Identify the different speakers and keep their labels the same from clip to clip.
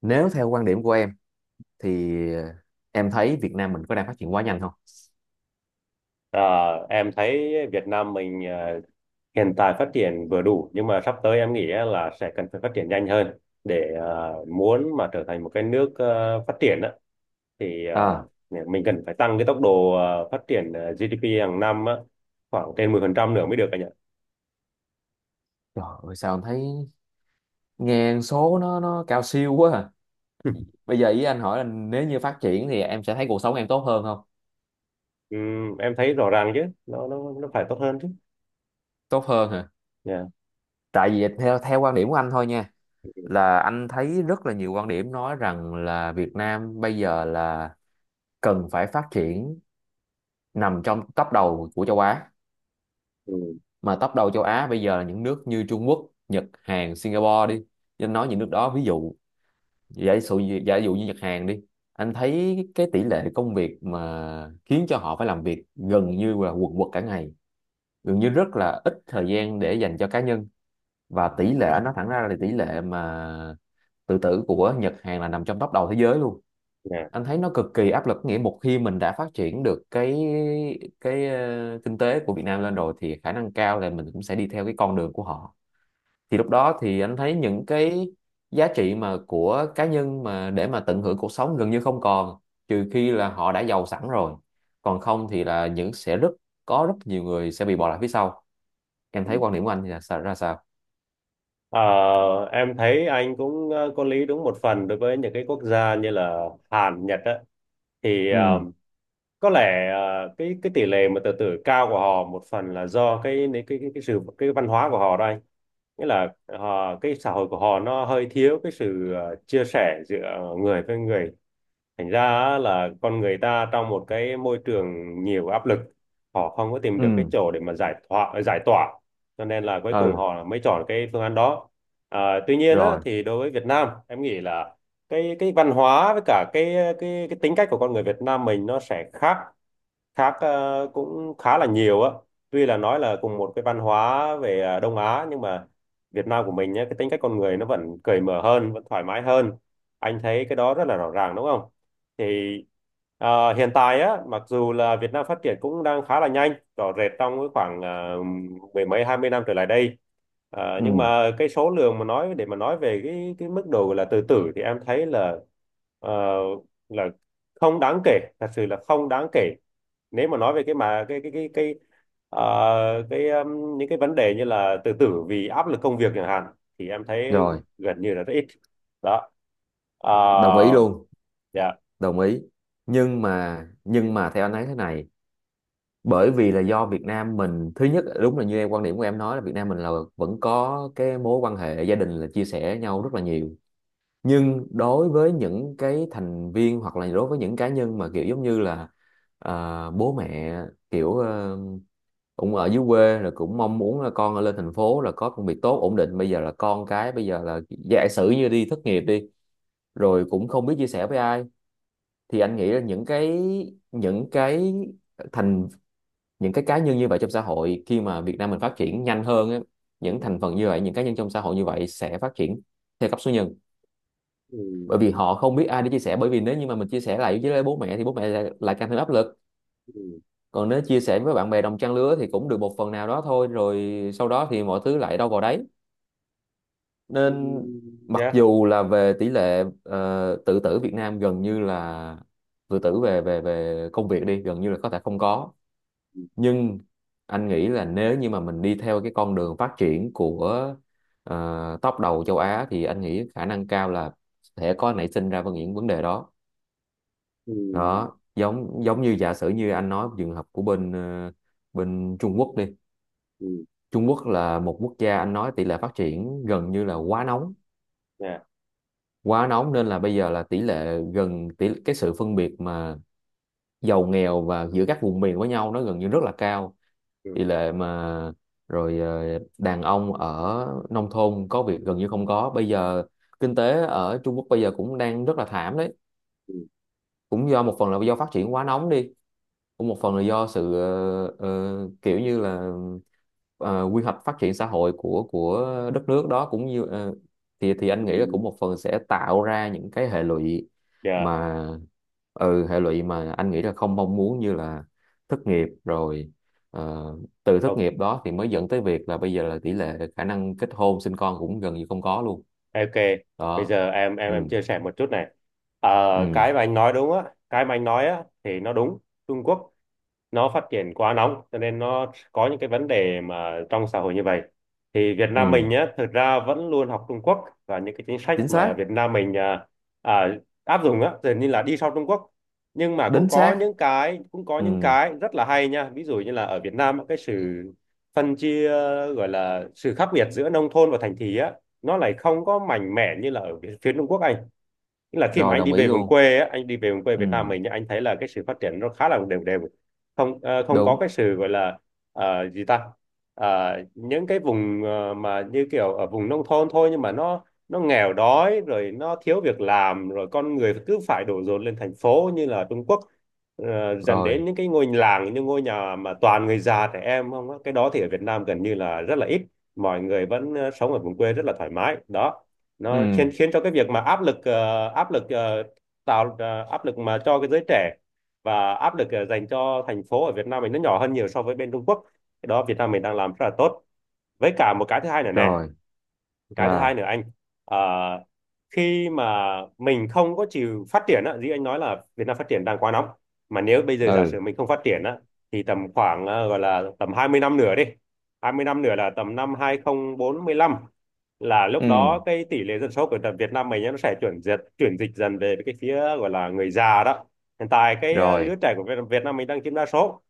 Speaker 1: Nếu theo quan điểm của em thì em thấy Việt Nam mình có đang phát triển quá nhanh không?
Speaker 2: Ờ, em thấy Việt Nam mình hiện tại phát triển vừa đủ, nhưng mà sắp tới em nghĩ á là sẽ cần phải phát triển nhanh hơn để muốn mà trở thành một cái nước phát triển á, thì
Speaker 1: À,
Speaker 2: mình cần phải tăng cái tốc độ phát triển GDP hàng năm á, khoảng trên 10% nữa mới được anh ạ.
Speaker 1: trời ơi, sao em thấy nghe số nó cao siêu quá à. Bây giờ ý anh hỏi là nếu như phát triển thì em sẽ thấy cuộc sống em tốt hơn không?
Speaker 2: Em thấy rõ ràng chứ, nó phải tốt hơn chứ.
Speaker 1: Tốt hơn hả?
Speaker 2: Dạ.
Speaker 1: Tại vì theo theo quan điểm của anh thôi nha, là anh thấy rất là nhiều quan điểm nói rằng là Việt Nam bây giờ là cần phải phát triển, nằm trong top đầu của châu Á.
Speaker 2: Ừ.
Speaker 1: Mà top đầu châu Á bây giờ là những nước như Trung Quốc, Nhật, Hàn, Singapore đi, nên nói những nước đó ví dụ, giả dụ giả dụ như Nhật, Hàn đi, anh thấy cái tỷ lệ công việc mà khiến cho họ phải làm việc gần như là quần quật cả ngày, gần như rất là ít thời gian để dành cho cá nhân. Và tỷ lệ, anh nói thẳng ra là tỷ lệ mà tự tử của Nhật, Hàn là nằm trong top đầu thế giới luôn.
Speaker 2: Dạ.
Speaker 1: Anh thấy nó cực kỳ áp lực, nghĩa một khi mình đã phát triển được cái kinh tế của Việt Nam lên rồi thì khả năng cao là mình cũng sẽ đi theo cái con đường của họ. Thì lúc đó thì anh thấy những cái giá trị mà của cá nhân mà để mà tận hưởng cuộc sống gần như không còn, trừ khi là họ đã giàu sẵn rồi, còn không thì là những sẽ rất có rất nhiều người sẽ bị bỏ lại phía sau. Em thấy quan điểm của anh thì là sao, ra sao?
Speaker 2: Ờ, em thấy anh cũng có lý đúng một phần đối với những cái quốc gia như là Hàn, Nhật á, thì
Speaker 1: Ừ.
Speaker 2: có lẽ cái tỷ lệ mà tự tử cao của họ một phần là do cái sự cái văn hóa của họ đây, nghĩa là họ cái xã hội của họ nó hơi thiếu cái sự chia sẻ giữa người với người, thành ra á, là con người ta trong một cái môi trường nhiều áp lực, họ không có tìm được cái
Speaker 1: Ừ.
Speaker 2: chỗ để mà giải thoát giải tỏa, cho nên là cuối cùng
Speaker 1: Ừ.
Speaker 2: họ mới chọn cái phương án đó. À, tuy nhiên á,
Speaker 1: Rồi.
Speaker 2: thì đối với Việt Nam em nghĩ là cái văn hóa với cả cái tính cách của con người Việt Nam mình nó sẽ khác, cũng khá là nhiều á, tuy là nói là cùng một cái văn hóa về Đông Á nhưng mà Việt Nam của mình nhé, cái tính cách con người nó vẫn cởi mở hơn, vẫn thoải mái hơn, anh thấy cái đó rất là rõ ràng đúng không? Thì hiện tại á, mặc dù là Việt Nam phát triển cũng đang khá là nhanh rõ rệt trong cái khoảng mười mấy hai mươi năm trở lại đây. Nhưng
Speaker 1: Ừ.
Speaker 2: mà cái số lượng mà nói, để mà nói về cái mức độ là tự tử thì em thấy là ờ, là không đáng kể, thật sự là không đáng kể. Nếu mà nói về cái những cái vấn đề như là tự tử vì áp lực công việc chẳng hạn, thì em thấy
Speaker 1: Rồi.
Speaker 2: gần như là rất ít. Đó. Ờ,
Speaker 1: Đồng ý luôn.
Speaker 2: dạ,
Speaker 1: Đồng ý. Nhưng mà theo anh thấy thế này, bởi vì là do Việt Nam mình thứ nhất, đúng là như em, quan điểm của em nói là Việt Nam mình là vẫn có cái mối quan hệ gia đình là chia sẻ nhau rất là nhiều. Nhưng đối với những cái thành viên hoặc là đối với những cá nhân mà kiểu giống như là bố mẹ, kiểu cũng ở dưới quê rồi cũng mong muốn là con lên thành phố là có công việc tốt ổn định, bây giờ là con cái bây giờ là giả sử như đi thất nghiệp đi rồi cũng không biết chia sẻ với ai. Thì anh nghĩ là những cái thành những cái cá nhân như vậy trong xã hội, khi mà Việt Nam mình phát triển nhanh hơn á, những thành phần như vậy, những cá nhân trong xã hội như vậy sẽ phát triển theo cấp số nhân,
Speaker 2: ừ,
Speaker 1: bởi vì họ không biết ai để chia sẻ, bởi vì nếu như mà mình chia sẻ lại với bố mẹ thì bố mẹ lại càng thêm áp lực.
Speaker 2: ừ,
Speaker 1: Còn nếu chia sẻ với bạn bè đồng trang lứa thì cũng được một phần nào đó thôi, rồi sau đó thì mọi thứ lại đâu vào đấy,
Speaker 2: ừ,
Speaker 1: nên mặc
Speaker 2: dạ,
Speaker 1: dù là về tỷ lệ tự tử Việt Nam gần như là tự tử về về về công việc đi gần như là có thể không có,
Speaker 2: ừ,
Speaker 1: nhưng anh nghĩ là nếu như mà mình đi theo cái con đường phát triển của top đầu châu Á thì anh nghĩ khả năng cao là sẽ có nảy sinh ra những vấn đề đó.
Speaker 2: ừ,
Speaker 1: Đó, giống giống như giả sử như anh nói trường hợp của bên Trung Quốc đi.
Speaker 2: ừ,
Speaker 1: Trung Quốc là một quốc gia, anh nói tỷ lệ phát triển gần như là quá nóng.
Speaker 2: dạ,
Speaker 1: Quá nóng nên là bây giờ là tỷ lệ gần tỷ cái sự phân biệt mà giàu nghèo và giữa các vùng miền với nhau nó gần như rất là cao. Tỷ
Speaker 2: ừ,
Speaker 1: lệ mà Rồi đàn ông ở nông thôn có việc gần như không có. Bây giờ kinh tế ở Trung Quốc bây giờ cũng đang rất là thảm đấy,
Speaker 2: ừ,
Speaker 1: cũng do một phần là do phát triển quá nóng đi, cũng một phần là do sự kiểu như là quy hoạch phát triển xã hội của đất nước đó, cũng như thì anh
Speaker 2: ừ,
Speaker 1: nghĩ là cũng một phần sẽ tạo ra những cái hệ lụy
Speaker 2: dạ,
Speaker 1: mà, ừ, hệ lụy mà anh nghĩ là không mong muốn, như là thất nghiệp, rồi ờ, từ thất
Speaker 2: ok,
Speaker 1: nghiệp đó thì mới dẫn tới việc là bây giờ là tỷ lệ khả năng kết hôn sinh con cũng gần như không có luôn.
Speaker 2: ok, bây
Speaker 1: Đó.
Speaker 2: giờ em em
Speaker 1: Ừ.
Speaker 2: em chia sẻ một chút này. Ờ,
Speaker 1: Ừ.
Speaker 2: cái mà anh nói đúng á, cái mà anh nói á thì nó đúng. Trung Quốc nó phát triển quá nóng, cho nên nó có những cái vấn đề mà trong xã hội như vậy. Thì Việt Nam
Speaker 1: Ừ.
Speaker 2: mình nhé, thực ra vẫn luôn học Trung Quốc, và những cái chính sách
Speaker 1: Chính
Speaker 2: mà
Speaker 1: xác.
Speaker 2: Việt Nam mình à, áp dụng á dường như là đi sau Trung Quốc, nhưng mà
Speaker 1: Đính
Speaker 2: cũng có
Speaker 1: xác.
Speaker 2: những cái cũng có
Speaker 1: Ừ.
Speaker 2: những cái rất là hay nha, ví dụ như là ở Việt Nam á, cái sự phân chia, gọi là sự khác biệt giữa nông thôn và thành thị á, nó lại không có mạnh mẽ như là ở phía phía Trung Quốc anh. Nghĩa là khi mà
Speaker 1: Rồi.
Speaker 2: anh
Speaker 1: Đồng
Speaker 2: đi
Speaker 1: ý
Speaker 2: về vùng
Speaker 1: luôn.
Speaker 2: quê á, anh đi về vùng quê
Speaker 1: Ừ.
Speaker 2: Việt Nam mình nhá, anh thấy là cái sự phát triển nó khá là đều đều, không có
Speaker 1: Đúng
Speaker 2: cái sự gọi là gì ta. Những cái vùng mà như kiểu ở vùng nông thôn thôi, nhưng mà nó nghèo đói rồi nó thiếu việc làm, rồi con người cứ phải đổ dồn lên thành phố như là Trung Quốc, dần đến
Speaker 1: rồi.
Speaker 2: những cái ngôi làng, những ngôi nhà mà toàn người già trẻ em không á. Cái đó thì ở Việt Nam gần như là rất là ít, mọi người vẫn sống ở vùng quê rất là thoải mái đó. Nó
Speaker 1: Ừ.
Speaker 2: khiến khiến cho cái việc mà tạo áp lực mà cho cái giới trẻ, và áp lực dành cho thành phố ở Việt Nam mình nó nhỏ hơn nhiều so với bên Trung Quốc. Cái đó Việt Nam mình đang làm rất là tốt. Với cả một cái thứ hai nữa nè,
Speaker 1: Rồi.
Speaker 2: cái thứ hai
Speaker 1: À.
Speaker 2: nữa anh, ờ, khi mà mình không có chịu phát triển á, như anh nói là Việt Nam phát triển đang quá nóng, mà nếu bây giờ giả
Speaker 1: Ừ.
Speaker 2: sử mình không phát triển á, thì tầm khoảng gọi là tầm 20 năm nữa đi, 20 năm nữa là tầm năm 2045, là lúc
Speaker 1: Ừ.
Speaker 2: đó cái tỷ lệ dân số của tầm Việt Nam mình á, nó sẽ chuyển dịch dần về cái phía gọi là người già đó. Hiện tại cái lứa
Speaker 1: Rồi.
Speaker 2: trẻ của Việt Việt Nam mình đang chiếm đa số,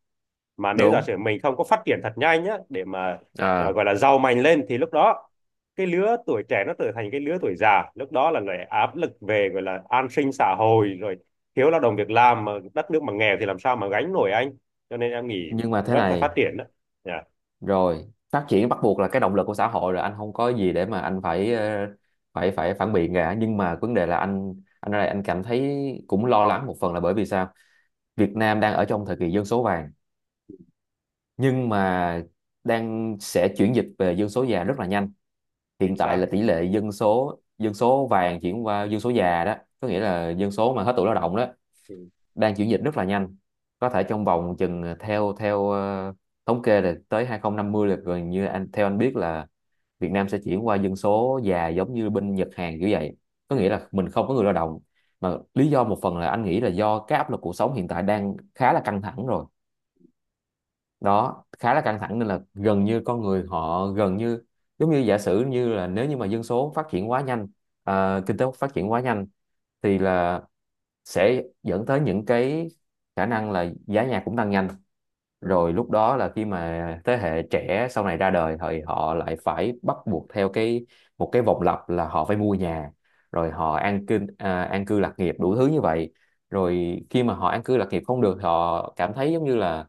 Speaker 2: mà nếu giả
Speaker 1: Đúng.
Speaker 2: sử mình không có phát triển thật nhanh nhá, để mà à,
Speaker 1: À.
Speaker 2: gọi là giàu mạnh lên thì lúc đó cái lứa tuổi trẻ nó trở thành cái lứa tuổi già, lúc đó là lại áp lực về gọi là an sinh xã hội rồi, thiếu lao động việc làm, mà đất nước mà nghèo thì làm sao mà gánh nổi anh. Cho nên em nghĩ
Speaker 1: Nhưng mà thế
Speaker 2: vẫn phải phát
Speaker 1: này.
Speaker 2: triển đó. Dạ,
Speaker 1: Rồi phát triển bắt buộc là cái động lực của xã hội rồi, anh không có gì để mà anh phải ờ, phải phải phản biện cả. Nhưng mà vấn đề là anh, ở đây anh cảm thấy cũng lo lắng một phần, là bởi vì sao? Việt Nam đang ở trong thời kỳ dân số vàng, nhưng mà đang sẽ chuyển dịch về dân số già rất là nhanh. Hiện
Speaker 2: chính
Speaker 1: tại
Speaker 2: xác.
Speaker 1: là tỷ lệ dân số vàng chuyển qua dân số già đó, có nghĩa là dân số mà hết tuổi lao động đó
Speaker 2: Ừ,
Speaker 1: đang chuyển dịch rất là nhanh. Có thể trong vòng chừng theo theo thống kê là tới 2050 là gần như anh theo anh biết là Việt Nam sẽ chuyển qua dân số già giống như bên Nhật, Hàn kiểu vậy, có nghĩa
Speaker 2: ừ,
Speaker 1: là mình không có người lao động, mà lý do một phần là anh nghĩ là do cái áp lực cuộc sống hiện tại đang khá là căng thẳng rồi. Đó, khá là căng thẳng nên là gần như con người họ gần như giống như giả sử như là nếu như mà dân số phát triển quá nhanh, kinh tế phát triển quá nhanh thì là sẽ dẫn tới những cái khả năng là giá nhà cũng tăng nhanh.
Speaker 2: ừ,
Speaker 1: Rồi lúc đó là khi mà thế hệ trẻ sau này ra đời thì họ lại phải bắt buộc theo cái, một cái vòng lặp là họ phải mua nhà, rồi họ an cư lạc nghiệp đủ thứ như vậy.
Speaker 2: ừ.
Speaker 1: Rồi khi mà họ an cư lạc nghiệp không được, họ cảm thấy giống như là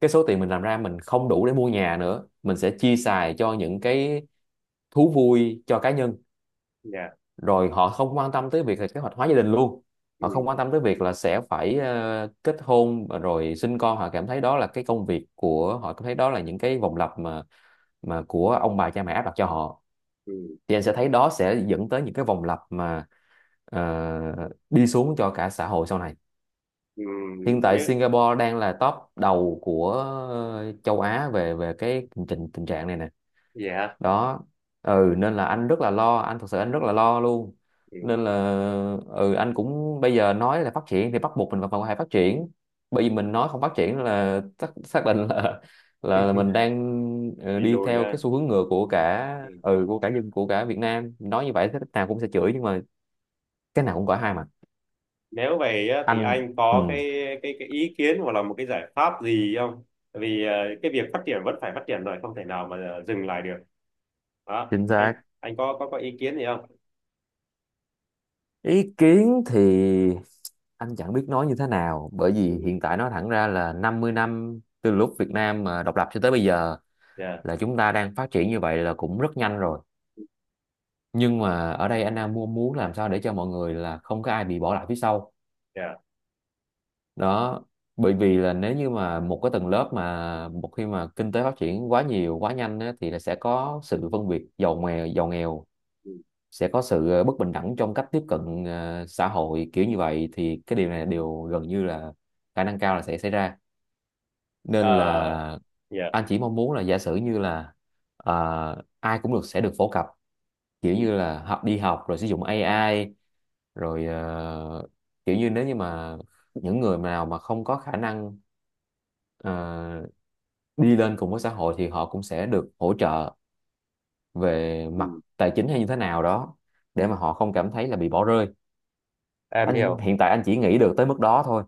Speaker 1: cái số tiền mình làm ra mình không đủ để mua nhà nữa, mình sẽ chia xài cho những cái thú vui cho cá nhân.
Speaker 2: Dạ,
Speaker 1: Rồi họ không quan tâm tới việc là kế hoạch hóa gia đình luôn.
Speaker 2: ừ,
Speaker 1: Họ không quan tâm tới việc là sẽ phải kết hôn rồi sinh con, họ cảm thấy đó là cái công việc của họ, cảm thấy đó là những cái vòng lặp mà của ông bà cha mẹ áp đặt cho họ.
Speaker 2: ừ,
Speaker 1: Thì anh sẽ thấy đó sẽ dẫn tới những cái vòng lặp mà ờ, đi xuống cho cả xã hội sau này.
Speaker 2: ừ, ừ,
Speaker 1: Hiện tại
Speaker 2: nhớ,
Speaker 1: Singapore đang là top đầu của châu Á về về cái tình tình trạng này nè.
Speaker 2: dạ,
Speaker 1: Đó. Ừ, nên là anh rất là lo, anh thật sự anh rất là lo luôn.
Speaker 2: ừ.
Speaker 1: Nên là ừ, anh cũng bây giờ nói là phát triển thì bắt buộc mình phải phải phát triển, bởi vì mình nói không phát triển là xác định là, là mình đang
Speaker 2: Đi
Speaker 1: đi
Speaker 2: lùi
Speaker 1: theo cái
Speaker 2: ha.
Speaker 1: xu hướng ngược của cả,
Speaker 2: Ừ,
Speaker 1: ừ, của cả dân của cả Việt Nam, nói như vậy thế nào cũng sẽ chửi, nhưng mà cái nào cũng có hai mặt.
Speaker 2: nếu vậy á, thì
Speaker 1: Anh.
Speaker 2: anh có
Speaker 1: Ừ.
Speaker 2: cái ý kiến hoặc là một cái giải pháp gì không? Tại vì cái việc phát triển vẫn phải phát triển rồi, không thể nào mà dừng lại được. Đó,
Speaker 1: Chính xác.
Speaker 2: anh có có ý kiến gì không?
Speaker 1: Ý kiến thì anh chẳng biết nói như thế nào, bởi vì
Speaker 2: Ừ,
Speaker 1: hiện tại nói thẳng ra là 50 năm từ lúc Việt Nam mà độc lập cho tới bây giờ
Speaker 2: dạ,
Speaker 1: là chúng ta đang phát triển như vậy là cũng rất nhanh rồi. Nhưng mà ở đây anh đang muốn muốn làm sao để cho mọi người là không có ai bị bỏ lại phía sau.
Speaker 2: dạ.
Speaker 1: Đó. Bởi vì là nếu như mà một cái tầng lớp mà một khi mà kinh tế phát triển quá nhiều quá nhanh á, thì là sẽ có sự phân biệt giàu nghèo, giàu nghèo
Speaker 2: Ừ.
Speaker 1: sẽ có sự bất bình đẳng trong cách tiếp cận xã hội kiểu như vậy, thì cái điều này đều gần như là khả năng cao là sẽ xảy ra. Nên
Speaker 2: Ờ,
Speaker 1: là
Speaker 2: dạ.
Speaker 1: anh chỉ mong muốn là giả sử như là ai cũng được sẽ được phổ cập, kiểu
Speaker 2: Ừ,
Speaker 1: như là học, đi học rồi sử dụng AI, rồi kiểu như nếu như mà những người nào mà không có khả năng ờ, đi lên cùng với xã hội thì họ cũng sẽ được hỗ trợ về mặt
Speaker 2: ừ.
Speaker 1: tài chính hay như thế nào đó, để mà họ không cảm thấy là bị bỏ rơi.
Speaker 2: Em
Speaker 1: Anh
Speaker 2: hiểu.
Speaker 1: hiện tại anh chỉ nghĩ được tới mức đó thôi.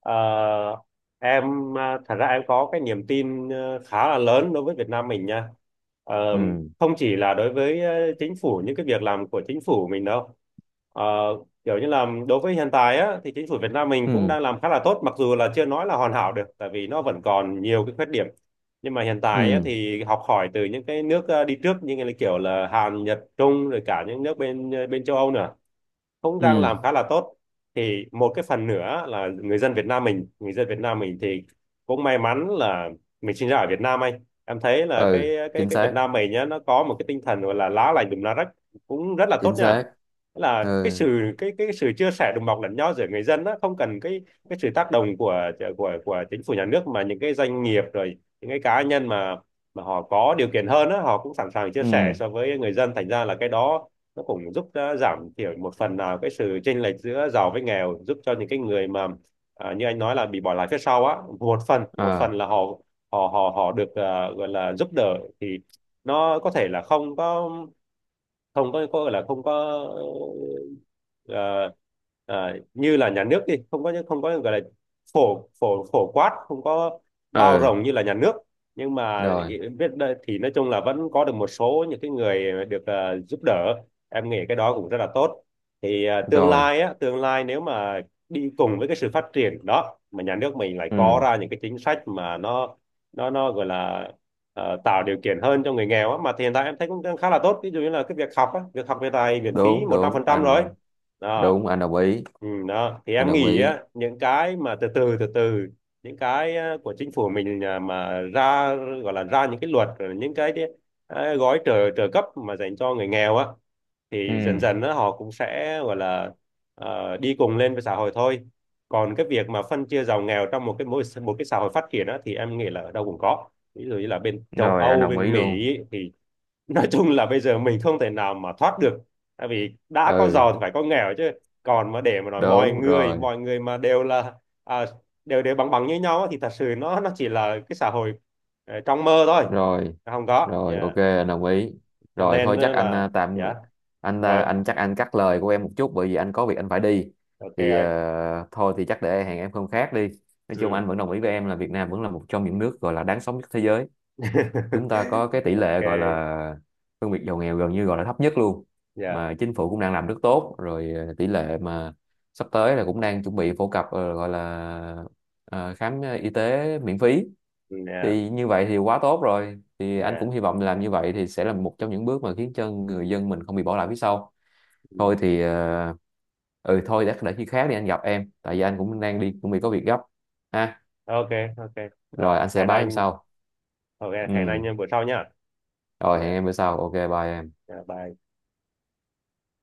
Speaker 2: Ờ, em à, thật ra em có cái niềm tin khá là lớn đối với Việt Nam mình nha. Ờ,
Speaker 1: Ừ.
Speaker 2: Không chỉ là đối với chính phủ, những cái việc làm của chính phủ mình đâu. Ờ, Kiểu như là đối với hiện tại á, thì chính phủ Việt Nam mình cũng
Speaker 1: Ừ.
Speaker 2: đang làm khá là tốt, mặc dù là chưa nói là hoàn hảo được, tại vì nó vẫn còn nhiều cái khuyết điểm. Nhưng mà hiện tại á,
Speaker 1: Ừ.
Speaker 2: thì học hỏi từ những cái nước đi trước như là kiểu là Hàn, Nhật, Trung, rồi cả những nước bên bên châu Âu nữa, cũng đang
Speaker 1: Ừ.
Speaker 2: làm khá là tốt. Thì một cái phần nữa là người dân Việt Nam mình thì cũng may mắn là mình sinh ra ở Việt Nam anh, em thấy là cái
Speaker 1: Ừ.
Speaker 2: cái
Speaker 1: Chính
Speaker 2: cái Việt
Speaker 1: xác.
Speaker 2: Nam mình nhá, nó có một cái tinh thần gọi là lá lành đùm lá rách, cũng rất là tốt
Speaker 1: Chính
Speaker 2: nha.
Speaker 1: xác.
Speaker 2: Tức là cái
Speaker 1: Ừ.
Speaker 2: sự cái cái sự chia sẻ đùm bọc lẫn nhau giữa người dân đó, không cần cái sự tác động của của chính phủ nhà nước, mà những cái doanh nghiệp rồi những cái cá nhân mà họ có điều kiện hơn á, họ cũng sẵn sàng chia
Speaker 1: Ừ.
Speaker 2: sẻ so với người dân, thành ra là cái đó nó cũng giúp à, giảm thiểu một phần nào cái sự chênh lệch giữa giàu với nghèo, giúp cho những cái người mà à, như anh nói là bị bỏ lại phía sau á, một phần
Speaker 1: À.
Speaker 2: là họ họ họ họ được à, gọi là giúp đỡ. Thì nó có thể là không có, không có gọi là không có, ờ, như là nhà nước đi, không có gọi là phổ phổ phổ quát, không có bao
Speaker 1: Ừ.
Speaker 2: rộng như là nhà nước, nhưng mà
Speaker 1: Rồi.
Speaker 2: biết đây thì nói chung là vẫn có được một số những cái người được giúp đỡ. Em nghĩ cái đó cũng rất là tốt. Thì tương
Speaker 1: Rồi.
Speaker 2: lai á, tương lai nếu mà đi cùng với cái sự phát triển đó, mà nhà nước mình lại có
Speaker 1: Ừ.
Speaker 2: ra những cái chính sách mà nó nó gọi là tạo điều kiện hơn cho người nghèo á, mà hiện tại em thấy cũng đang khá là tốt, ví dụ như là cái việc học á, việc học hiện tại miễn phí
Speaker 1: Đúng.
Speaker 2: một trăm
Speaker 1: Đúng
Speaker 2: phần trăm rồi
Speaker 1: anh.
Speaker 2: đó.
Speaker 1: Đúng anh, đồng ý.
Speaker 2: Ừ, đó thì
Speaker 1: Anh
Speaker 2: em
Speaker 1: đồng
Speaker 2: nghĩ
Speaker 1: ý.
Speaker 2: á, những cái mà từ từ từ từ, những cái của chính phủ mình à, mà ra, gọi là ra những cái luật rồi những cái gói trợ trợ cấp mà dành cho người nghèo á,
Speaker 1: Ừ.
Speaker 2: thì dần dần á, họ cũng sẽ gọi là đi cùng lên với xã hội thôi. Còn cái việc mà phân chia giàu nghèo trong một cái, mỗi một cái xã hội phát triển á, thì em nghĩ là ở đâu cũng có, ví dụ như là bên châu
Speaker 1: Rồi anh
Speaker 2: Âu,
Speaker 1: đồng ý
Speaker 2: bên Mỹ
Speaker 1: luôn.
Speaker 2: ấy, thì nói chung là bây giờ mình không thể nào mà thoát được, tại vì đã có
Speaker 1: Ừ.
Speaker 2: giàu thì phải có nghèo chứ. Còn mà để mà nói mọi
Speaker 1: Đúng
Speaker 2: người,
Speaker 1: rồi.
Speaker 2: mọi người mà đều là à, đều đều bằng bằng như nhau á, thì thật sự nó chỉ là cái xã hội trong mơ thôi,
Speaker 1: Rồi.
Speaker 2: không có.
Speaker 1: Rồi.
Speaker 2: Dạ.
Speaker 1: OK anh đồng ý.
Speaker 2: Cho
Speaker 1: Rồi
Speaker 2: nên
Speaker 1: thôi chắc anh
Speaker 2: là
Speaker 1: à, tạm
Speaker 2: dạ,
Speaker 1: anh à,
Speaker 2: rồi
Speaker 1: anh chắc anh cắt lời của em một chút bởi vì anh có việc anh phải đi.
Speaker 2: ok
Speaker 1: Thì
Speaker 2: anh,
Speaker 1: thôi thì chắc để hẹn em hôm khác đi. Nói chung
Speaker 2: ừ.
Speaker 1: anh vẫn đồng ý với em là Việt Nam vẫn là một trong những nước gọi là đáng sống nhất thế giới. Chúng ta có cái tỷ
Speaker 2: Ok.
Speaker 1: lệ gọi là phân biệt giàu nghèo gần như gọi là thấp nhất luôn.
Speaker 2: Dạ,
Speaker 1: Mà chính phủ cũng đang làm rất tốt rồi, tỷ lệ mà sắp tới là cũng đang chuẩn bị phổ cập gọi là khám y tế miễn phí.
Speaker 2: dạ,
Speaker 1: Thì như vậy thì quá tốt rồi, thì anh cũng
Speaker 2: dạ.
Speaker 1: hy vọng làm như vậy thì sẽ là một trong những bước mà khiến cho người dân mình không bị bỏ lại phía sau.
Speaker 2: Ừ.
Speaker 1: Thôi thì ừ thôi, để khi khác đi anh gặp em, tại vì
Speaker 2: Ừ.
Speaker 1: anh cũng đang đi cũng bị có việc gấp ha.
Speaker 2: Ok, ok, rồi
Speaker 1: Rồi anh sẽ
Speaker 2: hẹn
Speaker 1: báo em
Speaker 2: anh,
Speaker 1: sau.
Speaker 2: ok
Speaker 1: Ừ,
Speaker 2: hẹn anh bữa sau nhá.
Speaker 1: rồi hẹn
Speaker 2: Yeah.
Speaker 1: em bữa sau. OK, bye em.
Speaker 2: Yeah, bye.